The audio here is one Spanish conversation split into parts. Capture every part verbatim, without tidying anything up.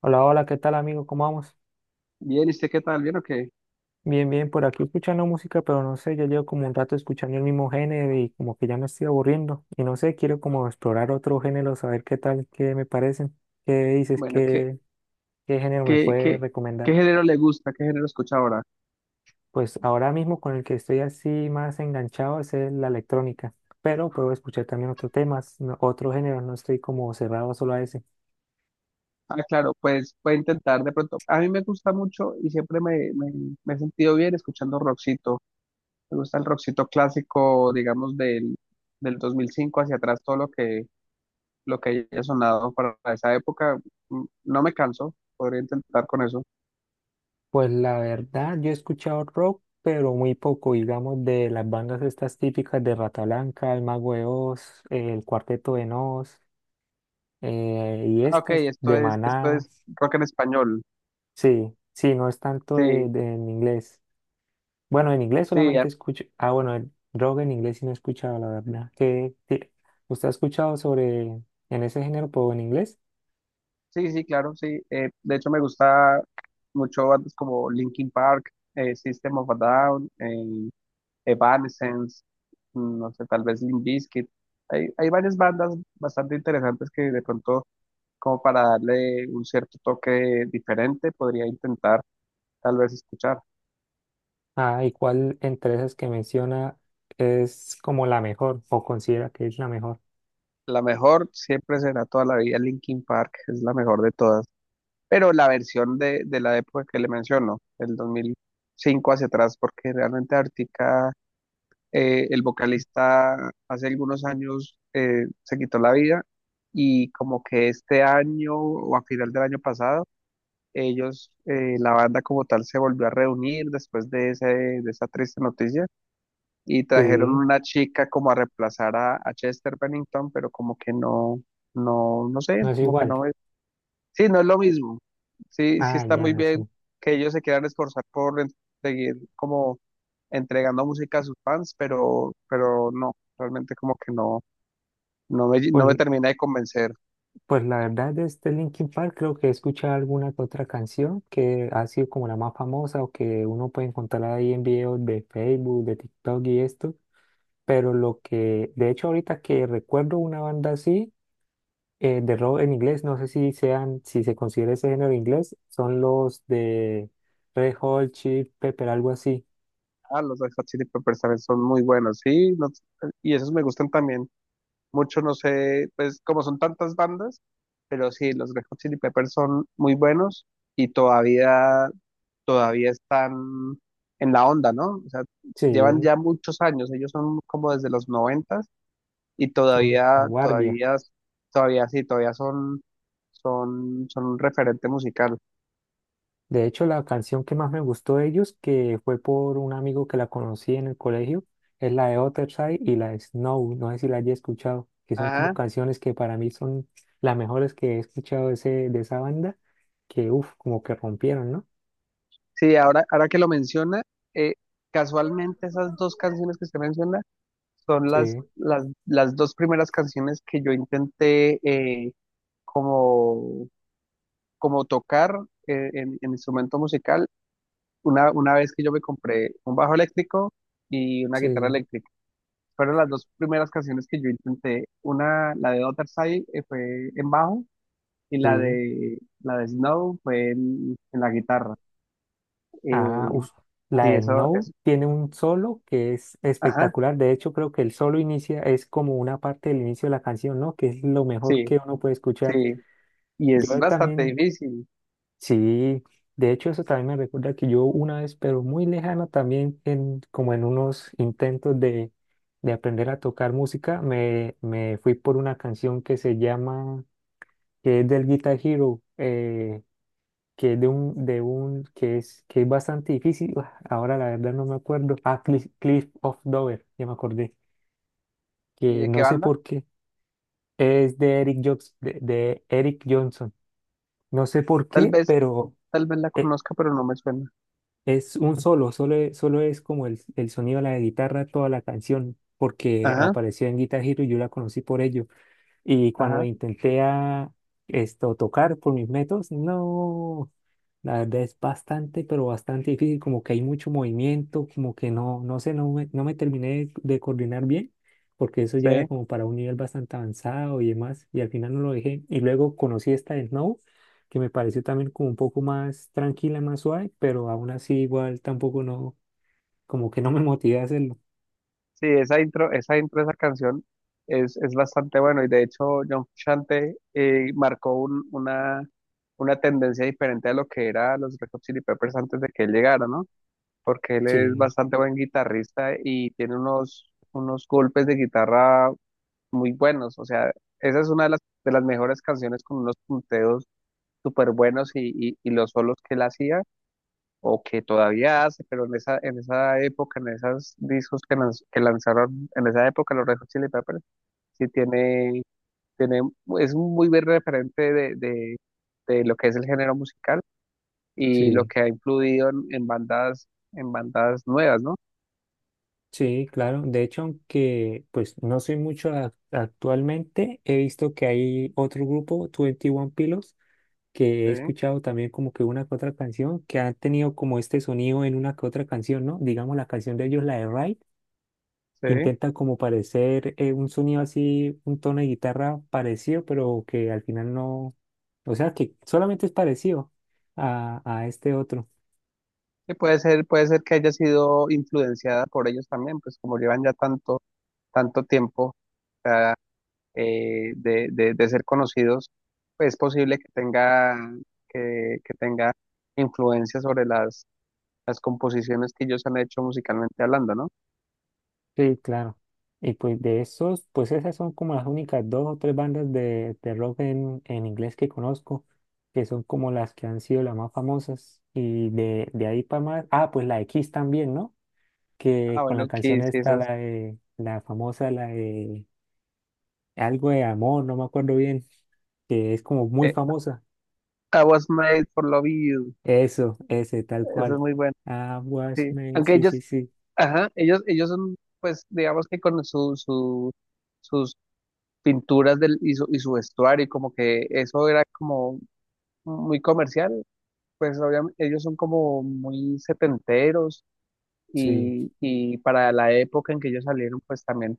Hola, hola, ¿qué tal amigo? ¿Cómo vamos? Bien, ¿y usted qué tal? ¿Bien o qué? Bien, bien, por aquí escuchando música, pero no sé, ya llevo como un rato escuchando el mismo género y como que ya me estoy aburriendo. Y no sé, quiero como explorar otro género, saber qué tal, qué me parecen, qué dices, Bueno, ¿qué, qué, qué género me qué, puedes qué, ¿qué recomendar. género le gusta? ¿Qué género escucha ahora? Pues ahora mismo con el que estoy así más enganchado es el- la electrónica, pero puedo escuchar también otros temas, no- otros géneros, no estoy como cerrado solo a ese. Ah, claro, pues puede intentar de pronto. A mí me gusta mucho y siempre me, me, me he sentido bien escuchando rockcito. Me gusta el rockcito clásico, digamos, del, del dos mil cinco hacia atrás, todo lo que, lo que haya sonado para esa época. Mm, No me canso, podría intentar con eso. Pues la verdad, yo he escuchado rock, pero muy poco, digamos, de las bandas estas típicas de Rata Blanca, El Mago de Oz, eh, El Cuarteto de Nos, eh, y Ah, ok, estas esto de es, esto Maná. es rock en español. Sí, sí, no es tanto Sí, de, de- en inglés. Bueno, en inglés sí, solamente escucho. Ah, bueno, el rock en inglés sí no he escuchado, la verdad. ¿Qué, qué- usted ha escuchado sobre en ese género, pero en inglés? sí, sí, claro, sí. Eh, de hecho, me gusta mucho bandas como Linkin Park, eh, System of a Down, eh, Evanescence, mm, no sé, tal vez Limp Bizkit. Hay, hay varias bandas bastante interesantes que de pronto, como para darle un cierto toque diferente, podría intentar tal vez escuchar. Ah, ¿y cuál entre esas que menciona es como la mejor o considera que es la mejor? La mejor siempre será toda la vida Linkin Park, es la mejor de todas. Pero la versión de, de la época que le menciono, del dos mil cinco hacia atrás, porque realmente Arctica. Eh, el vocalista hace algunos años eh, se quitó la vida y como que este año o a final del año pasado, ellos, eh, la banda como tal, se volvió a reunir después de, ese, de esa triste noticia y trajeron Sí. una chica como a reemplazar a, a Chester Bennington, pero como que no, no, no sé, No es como que igual. no, sí, no es lo mismo. Sí, sí Ah, está muy ya, bien sí. que ellos se quieran esforzar por en- seguir como entregando música a sus fans, pero, pero no, realmente como que no, no me, no me Pues, termina de convencer. pues la verdad de este Linkin Park creo que he escuchado alguna que otra canción que ha sido como la más famosa o que uno puede encontrar ahí en videos de Facebook, de TikTok y esto. Pero lo que, de hecho ahorita que recuerdo una banda así, eh, de rock en inglés, no sé si sean, si se considera ese género inglés, son los de Red Hot Chili Pepper, algo así. Ah, los Red Hot Chili Peppers también son muy buenos, sí, no- y esos me gustan también mucho, no sé, pues como son tantas bandas, pero sí, los Red Hot Chili Peppers son muy buenos y todavía todavía están en la onda, ¿no? O sea, llevan Sí, ya muchos años, ellos son como desde los noventas y son vieja todavía, guardia. todavía, todavía sí, todavía son, son, son un referente musical. De hecho, la canción que más me gustó de ellos, que fue por un amigo que la conocí en el colegio, es la de Otherside y la de Snow. No sé si la haya escuchado, que son como Ajá, canciones que para mí son las mejores que he escuchado de, ese, de esa banda, que uff, como que rompieron, ¿no? sí, ahora, ahora que lo menciona, eh, casualmente esas dos canciones que usted menciona son las, Sí, las, las dos primeras canciones que yo intenté, eh, como, como tocar, eh, en, en instrumento musical. Una, una vez que yo me compré un bajo eléctrico y una guitarra sí. eléctrica. Fueron las dos primeras canciones que yo intenté. Una, la de Other Side, eh, fue en bajo y la Sí. de, la de Snow fue en, en la guitarra. Ah, Eh, us- la sí, de eso No es. tiene un solo que es Ajá, espectacular. De hecho, creo que el solo inicia, es como una parte del inicio de la canción, ¿no? Que es lo mejor sí, que uno puede escuchar. sí. Y es Yo bastante también. difícil. Sí, de hecho eso también me recuerda que yo una vez, pero muy lejana también, en, como en unos intentos de, de aprender a tocar música, me, me fui por una canción que se llama, que es del Guitar Hero, eh, que es de un, de un, que es, que es bastante difícil, ah, ahora la verdad no me acuerdo, ah, Cliff, Cliff of Dover, ya me acordé, ¿Y que de qué no sé banda? por qué, es de Eric Jobs, de de Eric Johnson, no sé por Tal qué, vez, pero... tal vez la e- conozca, pero no me suena. Es un solo, solo, e- solo es como el, el sonido de la guitarra, toda la canción, porque Ajá, apareció en Guitar Hero y yo la conocí por ello. Y cuando la ajá, intenté a esto tocar por mis métodos, no, la verdad es bastante, pero bastante difícil, como que hay mucho movimiento, como que no, no sé, no me, no me terminé de coordinar bien, porque eso ya era sí. como para un nivel bastante avanzado y demás, y al final no lo dejé. Y luego conocí esta de Snow, que me pareció también como un poco más tranquila, más suave, pero aún así igual tampoco no, como que no me motivé a hacerlo. Sí, esa intro, esa intro de esa canción es, es bastante bueno y de hecho John Frusciante eh, marcó un- una, una tendencia diferente a lo que era los Red Hot Chili Peppers antes de que él llegara, ¿no? Porque él es Sí, bastante buen guitarrista y tiene unos, unos golpes de guitarra muy buenos, o sea, esa es una de las, de las mejores canciones con unos punteos súper buenos y, y, y los solos que él hacía o que todavía hace, pero en esa, en esa época, en esos discos que, lanz- que lanzaron, en esa época los Red Hot Chili Peppers, sí tiene, tiene, es un muy buen referente de, de, de lo que es el género musical y lo sí. que ha influido en, en bandas, en bandas nuevas, ¿no? Sí, claro. De hecho, aunque pues no soy mucho a- actualmente, he visto que hay otro grupo, Twenty One Pilots, que he Sí, escuchado también como que una que otra canción, que han tenido como este sonido en una que otra canción, ¿no? Digamos la canción de ellos, la de Ride, sí. intenta como parecer eh, un sonido así, un tono de guitarra parecido, pero que al final no, o sea, que solamente es parecido a, a este otro. Sí, puede ser, puede ser que haya sido influenciada por ellos también, pues como llevan ya tanto, tanto tiempo, o sea, eh, de, de- de ser conocidos, pues es posible que tenga, que, que tenga influencia sobre las, las composiciones que ellos han hecho musicalmente hablando, ¿no? Sí, claro. Y pues de esos, pues esas son como las únicas dos o tres bandas de, de rock en, en inglés que conozco, que son como las que han sido las más famosas. Y de, de ahí para más, ah, pues la de Kiss también, ¿no? Que Ah, con bueno, la canción Kiss, sí, esta, esas. la de, la famosa, la de algo de amor, no me acuerdo bien, que es como muy eh, famosa. I was made for love you. Eso, ese, tal Eso es cual. muy bueno, I was sí. made, Aunque sí, sí, ellos, sí, ajá, ellos, ellos son, pues, digamos que con su, su, sus pinturas del, y su, y su vestuario, como que eso era como muy comercial. Pues obviamente ellos son como muy setenteros, sí, y, y para la época en que ellos salieron, pues también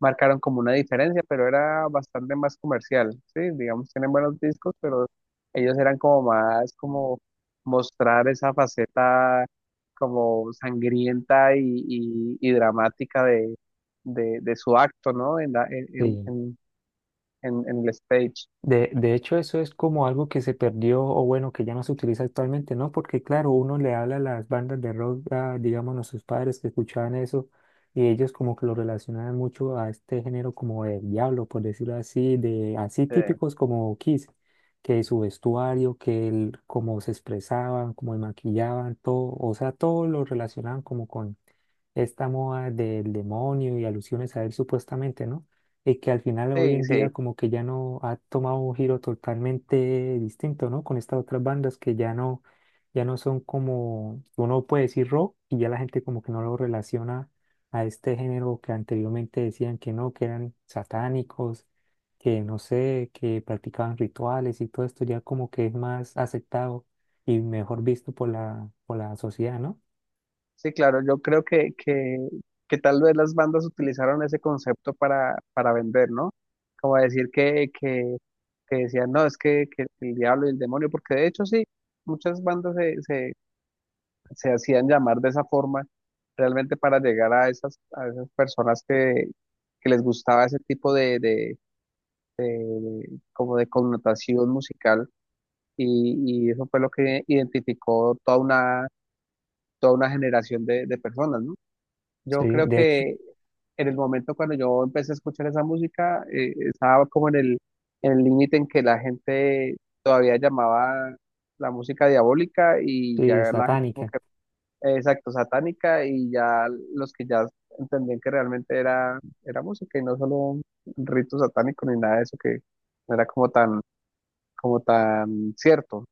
marcaron como una diferencia, pero era bastante más comercial, ¿sí? Digamos, tienen buenos discos, pero ellos eran como más como mostrar esa faceta como sangrienta y, y- y dramática de, de, de su acto, ¿no? En la, en, en, sí. en, en, en el stage. De, de hecho, eso es como algo que se perdió o bueno, que ya no se utiliza actualmente, ¿no? Porque claro, uno le habla a las bandas de rock, a, digamos, a sus padres que escuchaban eso y ellos como que lo relacionaban mucho a este género como el diablo, por decirlo así, de así Sí, típicos como Kiss, que su vestuario, que el, cómo se expresaban, cómo se maquillaban, todo, o sea, todo lo relacionaban como con esta moda del demonio y alusiones a él supuestamente, ¿no? Y que al final hoy sí, en sí, día como que ya no ha tomado un giro totalmente distinto, ¿no? Con estas otras bandas que ya no, ya no son como, uno puede decir rock y ya la gente como que no lo relaciona a este género que anteriormente decían que no, que eran satánicos, que no sé, que practicaban rituales y todo esto ya como que es más aceptado y mejor visto por la, por la sociedad, ¿no? sí, claro, yo creo que, que, que tal vez las bandas utilizaron ese concepto para, para vender, ¿no? Como decir que, que, que decían, no, es que, que el diablo y el demonio, porque de hecho sí, muchas bandas se, se, se hacían llamar de esa forma, realmente para llegar a esas, a esas personas que, que les gustaba ese tipo de, de, de- como de connotación musical, y, y eso fue lo que identificó toda una, toda una generación de, de personas, ¿no? Yo Sí, creo de hecho. que en el momento cuando yo empecé a escuchar esa música, eh, estaba como en el en el límite en que la gente todavía llamaba la música diabólica y Sí, ya la gente como satánica. que, eh, exacto, satánica y ya los que ya entendían que realmente era, era música y no solo un rito satánico ni nada de eso que no era como tan, como tan cierto.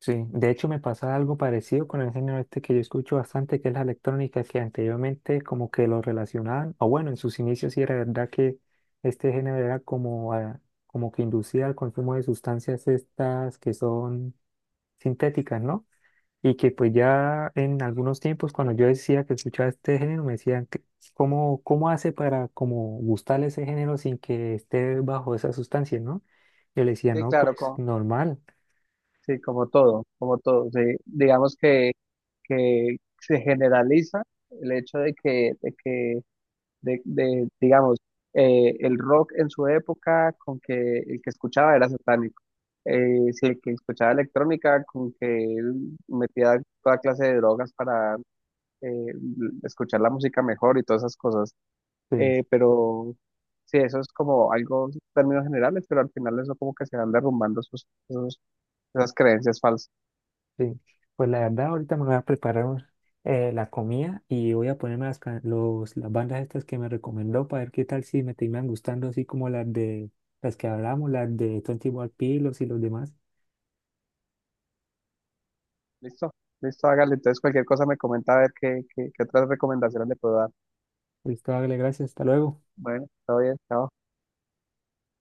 Sí, de hecho me pasa algo parecido con el género este que yo escucho bastante, que es la electrónica, que anteriormente como que lo relacionaban, o bueno, en sus inicios sí era verdad que este género era como, a- como que inducía al consumo de sustancias estas que son sintéticas, ¿no? Y que pues ya en algunos tiempos cuando yo decía que escuchaba este género me decían, que, ¿cómo, cómo hace para como gustarle ese género sin que esté bajo esas sustancias, ¿no? Yo le decía, Sí, no, claro, pues como, normal. sí, como todo, como todo. Sí, digamos que que se generaliza el hecho de que, de que de, de, digamos, eh, el rock en su época con que el que escuchaba era satánico. Eh, si el que escuchaba electrónica con que él metía toda clase de drogas para eh, escuchar la música mejor y todas esas cosas. Sí. Eh, pero sí, eso es como algo, términos generales, pero al final eso como que se van derrumbando esos- esos- esas creencias falsas. Sí, pues la verdad ahorita me voy a preparar un- eh, la comida y voy a ponerme las, ca- los, las bandas estas que me recomendó para ver qué tal si me terminan gustando así como las de las que hablamos, las de Twenty One y los demás. Listo, listo, hágale. Entonces, cualquier cosa me comenta a ver qué, qué, qué otras recomendaciones le puedo dar. Listo, hágale, gracias, hasta luego. Bueno, todo bien, chao.